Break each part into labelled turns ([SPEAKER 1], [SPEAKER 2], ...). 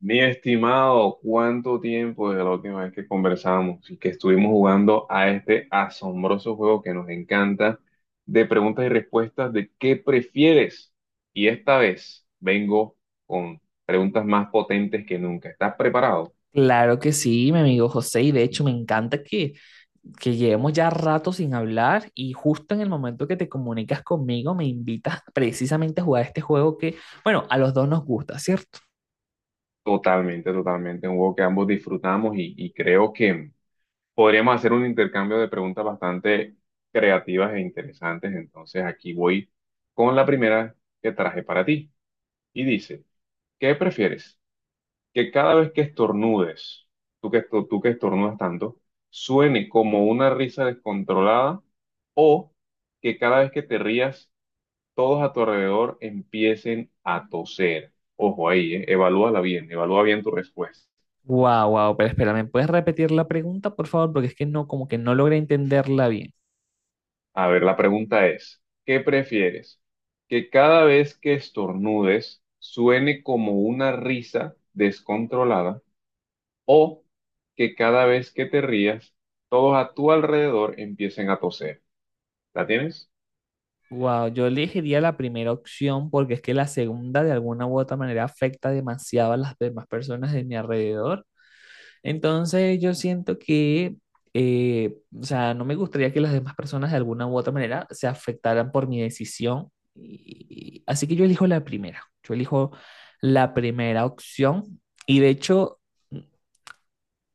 [SPEAKER 1] Mi estimado, ¿cuánto tiempo desde la última vez que conversamos y que estuvimos jugando a este asombroso juego que nos encanta de preguntas y respuestas de qué prefieres? Y esta vez vengo con preguntas más potentes que nunca. ¿Estás preparado?
[SPEAKER 2] Claro que sí, mi amigo José, y de hecho me encanta que llevemos ya rato sin hablar y justo en el momento que te comunicas conmigo me invitas precisamente a jugar este juego que, bueno, a los dos nos gusta, ¿cierto?
[SPEAKER 1] Totalmente, totalmente. Un juego que ambos disfrutamos y creo que podríamos hacer un intercambio de preguntas bastante creativas e interesantes. Entonces aquí voy con la primera que traje para ti. Y dice... ¿Qué prefieres? Que cada vez que estornudes, tú que estornudas tanto, suene como una risa descontrolada o que cada vez que te rías, todos a tu alrededor empiecen a toser. Ojo ahí, evalúala bien, evalúa bien tu respuesta.
[SPEAKER 2] Wow, wow, pero espera, ¿me puedes repetir la pregunta, por favor? Porque es que no, como que no logré entenderla bien.
[SPEAKER 1] A ver, la pregunta es, ¿qué prefieres? Que cada vez que estornudes suene como una risa descontrolada o que cada vez que te rías, todos a tu alrededor empiecen a toser. ¿La tienes?
[SPEAKER 2] Wow, yo elegiría la primera opción porque es que la segunda de alguna u otra manera afecta demasiado a las demás personas de mi alrededor. Entonces yo siento que, o sea, no me gustaría que las demás personas de alguna u otra manera se afectaran por mi decisión. Así que yo elijo la primera, yo elijo la primera opción. Y de hecho,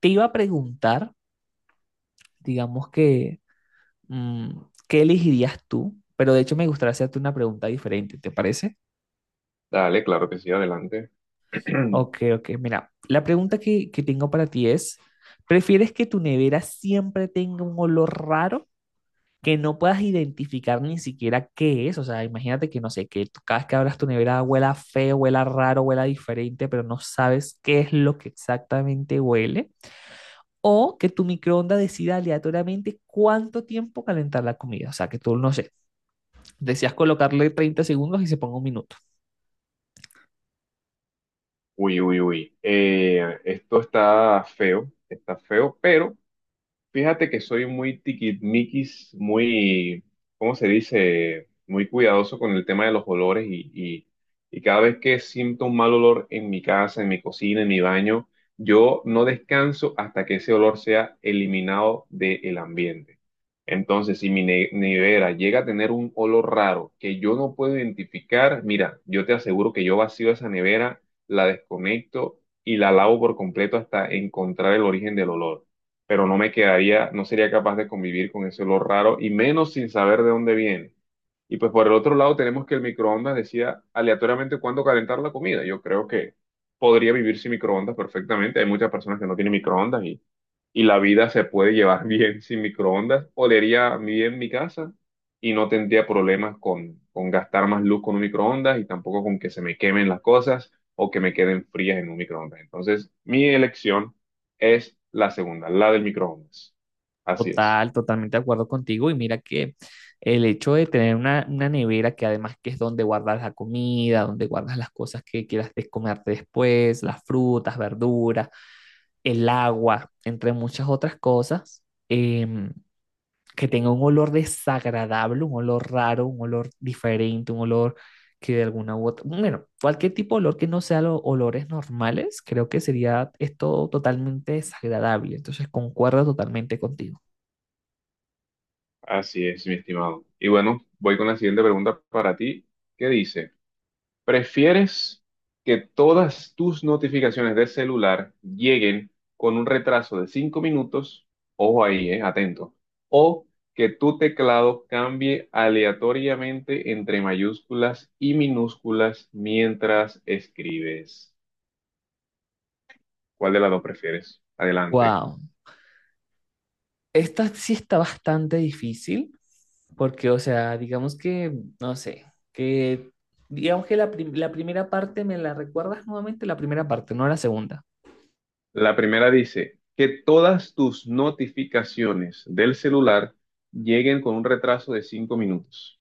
[SPEAKER 2] te iba a preguntar, digamos que, mm, ¿qué elegirías tú? Pero de hecho me gustaría hacerte una pregunta diferente, ¿te parece?
[SPEAKER 1] Dale, claro que sí, adelante.
[SPEAKER 2] Ok, ok, mira, la pregunta que tengo para ti es, ¿prefieres que tu nevera siempre tenga un olor raro que no puedas identificar ni siquiera qué es? O sea, imagínate que no sé, que tú cada vez que abras tu nevera huela feo, huela raro, huela diferente, pero no sabes qué es lo que exactamente huele. ¿O que tu microondas decida aleatoriamente cuánto tiempo calentar la comida? O sea, que tú, no sé, decías colocarle 30 segundos y se ponga 1 minuto.
[SPEAKER 1] Uy, uy, uy. Esto está feo, pero... Fíjate que soy muy tiquismiquis, muy, ¿cómo se dice? Muy cuidadoso con el tema de los olores y cada vez que siento un mal olor en mi casa, en mi cocina, en mi baño, yo no descanso hasta que ese olor sea eliminado del ambiente. Entonces, si mi nevera llega a tener un olor raro que yo no puedo identificar, mira, yo te aseguro que yo vacío esa nevera, la desconecto y la lavo por completo hasta encontrar el origen del olor, pero no me quedaría, no sería capaz de convivir con ese olor raro y menos sin saber de dónde viene. Y pues por el otro lado tenemos que el microondas decía aleatoriamente cuándo calentar la comida. Yo creo que podría vivir sin microondas perfectamente. Hay muchas personas que no tienen microondas y la vida se puede llevar bien sin microondas. Olería bien mi casa y no tendría problemas con, gastar más luz con un microondas y tampoco con que se me quemen las cosas o que me queden frías en un microondas. Entonces, mi elección es la segunda, la del microondas. Así es,
[SPEAKER 2] Totalmente de acuerdo contigo. Y mira que el hecho de tener una nevera, que además que es donde guardas la comida, donde guardas las cosas que quieras comerte después, las frutas, verduras, el agua, entre muchas otras cosas, em, que tenga un olor desagradable, un olor raro, un olor diferente, un olor que de alguna u otra, bueno, cualquier tipo de olor que no sea los olores normales, creo que sería esto totalmente desagradable. Entonces, concuerdo totalmente contigo.
[SPEAKER 1] así es, mi estimado. Y bueno, voy con la siguiente pregunta para ti. ¿Qué dice? ¿Prefieres que todas tus notificaciones de celular lleguen con un retraso de 5 minutos? Ojo ahí, atento. ¿O que tu teclado cambie aleatoriamente entre mayúsculas y minúsculas mientras escribes? ¿Cuál de las dos prefieres? Adelante.
[SPEAKER 2] Wow, esta sí está bastante difícil, porque, o sea, digamos que, no sé, que, digamos que la, la primera parte, ¿me la recuerdas nuevamente? La primera parte, no la segunda.
[SPEAKER 1] La primera dice que todas tus notificaciones del celular lleguen con un retraso de 5 minutos.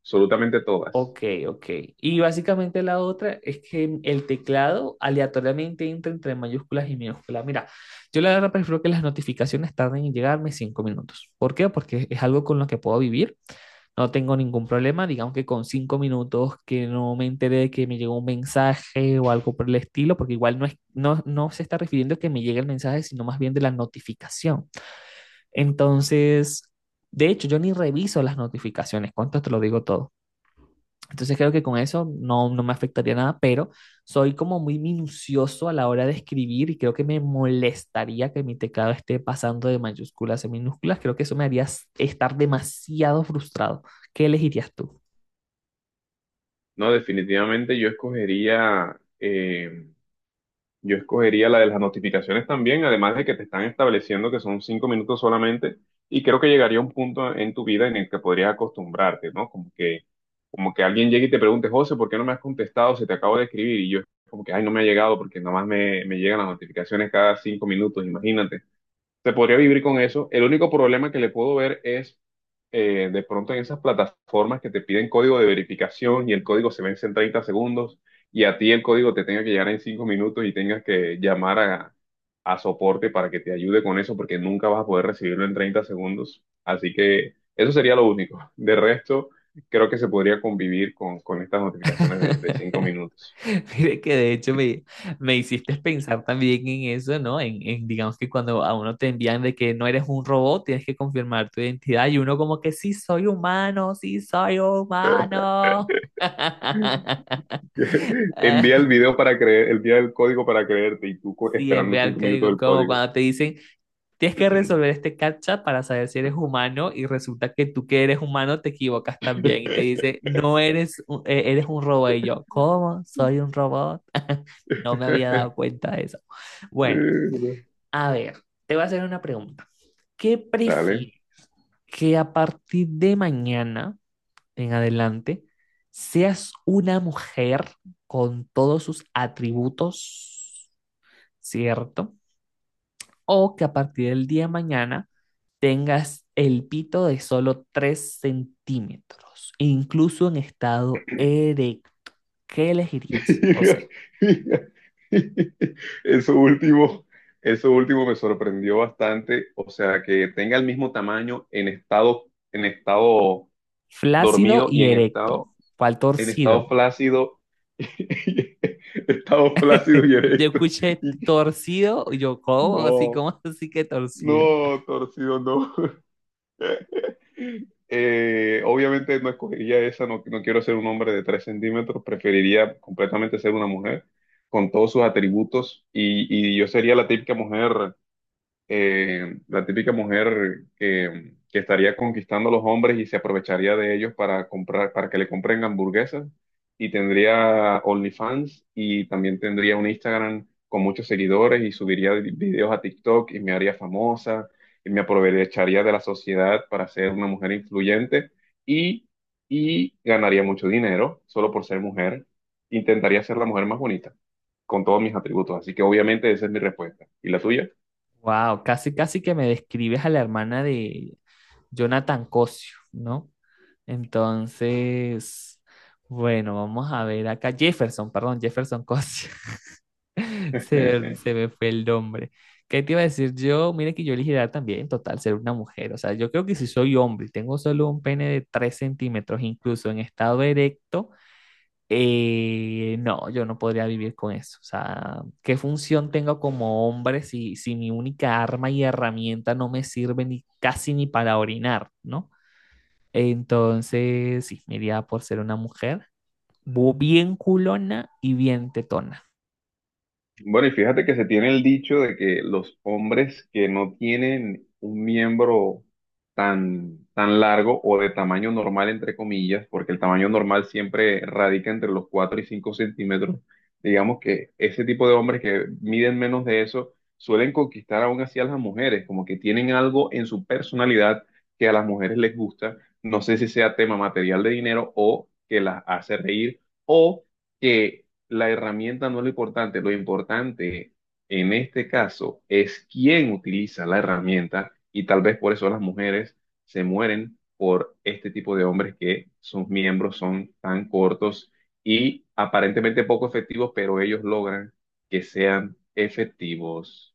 [SPEAKER 1] Absolutamente todas.
[SPEAKER 2] Ok, ok. Y básicamente la otra es que el teclado aleatoriamente entra entre mayúsculas y minúsculas. Mira, yo la verdad prefiero que las notificaciones tarden en llegarme 5 minutos. ¿Por qué? Porque es algo con lo que puedo vivir. No tengo ningún problema. Digamos que con 5 minutos que no me enteré de que me llegó un mensaje o algo por el estilo, porque igual no es, no se está refiriendo a que me llegue el mensaje, sino más bien de la notificación. Entonces, de hecho, yo ni reviso las notificaciones. ¿Cuánto te lo digo todo? Entonces creo que con eso no, no me afectaría nada, pero soy como muy minucioso a la hora de escribir y creo que me molestaría que mi teclado esté pasando de mayúsculas a minúsculas. Creo que eso me haría estar demasiado frustrado. ¿Qué elegirías tú?
[SPEAKER 1] No, definitivamente yo escogería la de las notificaciones también, además de que te están estableciendo que son 5 minutos solamente, y creo que llegaría un punto en tu vida en el que podrías acostumbrarte, ¿no? Como que alguien llegue y te pregunte, José, ¿por qué no me has contestado? Se te acabo de escribir, y yo como que, ay, no me ha llegado porque nada más me llegan las notificaciones cada 5 minutos, imagínate. Se podría vivir con eso. El único problema que le puedo ver es de pronto en esas plataformas que te piden código de verificación y el código se vence en 30 segundos y a ti el código te tenga que llegar en 5 minutos y tengas que llamar a, soporte para que te ayude con eso porque nunca vas a poder recibirlo en 30 segundos. Así que eso sería lo único. De resto, creo que se podría convivir con, estas notificaciones de 5 minutos.
[SPEAKER 2] Mire que de hecho me hiciste pensar también en eso, ¿no? En, digamos que cuando a uno te envían de que no eres un robot, tienes que confirmar tu identidad y uno como que sí soy humano, sí soy humano.
[SPEAKER 1] Envía el video para creer, envía el código para creerte y
[SPEAKER 2] Sí, es
[SPEAKER 1] esperando
[SPEAKER 2] real
[SPEAKER 1] 5
[SPEAKER 2] que
[SPEAKER 1] minutos
[SPEAKER 2] digo,
[SPEAKER 1] el
[SPEAKER 2] como
[SPEAKER 1] código.
[SPEAKER 2] cuando te dicen, tienes que resolver este captcha para saber si eres humano y resulta que tú que eres humano te equivocas también y te dice, no eres, eres un robot. Y yo, ¿cómo? ¿Soy un robot? No me había dado cuenta de eso. Bueno, a ver, te voy a hacer una pregunta. ¿Qué
[SPEAKER 1] Dale.
[SPEAKER 2] prefieres? Que a partir de mañana en adelante seas una mujer con todos sus atributos, ¿cierto? ¿O que a partir del día de mañana tengas el pito de solo 3 centímetros, incluso en estado erecto? ¿Qué elegirías, José?
[SPEAKER 1] Eso último, eso último me sorprendió bastante. O sea, que tenga el mismo tamaño en estado
[SPEAKER 2] Flácido
[SPEAKER 1] dormido y
[SPEAKER 2] y
[SPEAKER 1] en
[SPEAKER 2] erecto.
[SPEAKER 1] estado,
[SPEAKER 2] ¿Cuál
[SPEAKER 1] en estado
[SPEAKER 2] torcido?
[SPEAKER 1] flácido, estado flácido y
[SPEAKER 2] Yo
[SPEAKER 1] erecto.
[SPEAKER 2] escuché
[SPEAKER 1] Y-
[SPEAKER 2] torcido, y yo, ¿cómo? Así,
[SPEAKER 1] no,
[SPEAKER 2] ¿cómo así que torcido?
[SPEAKER 1] no, torcido, no. Obviamente no escogería esa, no, no quiero ser un hombre de 3 centímetros, preferiría completamente ser una mujer con todos sus atributos y yo sería la típica mujer que estaría conquistando a los hombres y se aprovecharía de ellos para comprar, para que le compren hamburguesas y tendría OnlyFans y también tendría un Instagram con muchos seguidores y subiría videos a TikTok y me haría famosa y me aprovecharía de la sociedad para ser una mujer influyente y, y ganaría mucho dinero solo por ser mujer. Intentaría ser la mujer más bonita con todos mis atributos. Así que obviamente esa es mi respuesta. ¿Y la tuya?
[SPEAKER 2] Wow, casi, casi que me describes a la hermana de, Jonathan Cosio, ¿no? Entonces, bueno, vamos a ver acá. Jefferson, perdón, Jefferson Cosio. Se, se me fue el nombre. ¿Qué te iba a decir yo? Mira que yo elegiría también, total, ser una mujer. O sea, yo creo que si soy hombre y tengo solo un pene de 3 centímetros, incluso en estado erecto, no, yo no podría vivir con eso. O sea, ¿qué función tengo como hombre si, mi única arma y herramienta no me sirve ni casi ni para orinar, ¿no? Entonces, sí, me iría por ser una mujer bien culona y bien tetona.
[SPEAKER 1] Bueno, y fíjate que se tiene el dicho de que los hombres que no tienen un miembro tan, tan largo o de tamaño normal, entre comillas, porque el tamaño normal siempre radica entre los 4 y 5 centímetros, digamos que ese tipo de hombres que miden menos de eso suelen conquistar aún así a las mujeres, como que tienen algo en su personalidad que a las mujeres les gusta, no sé si sea tema material de dinero o que las hace reír o que la herramienta no es lo importante. Lo importante en este caso es quién utiliza la herramienta y tal vez por eso las mujeres se mueren por este tipo de hombres que sus miembros son tan cortos y aparentemente poco efectivos, pero ellos logran que sean efectivos.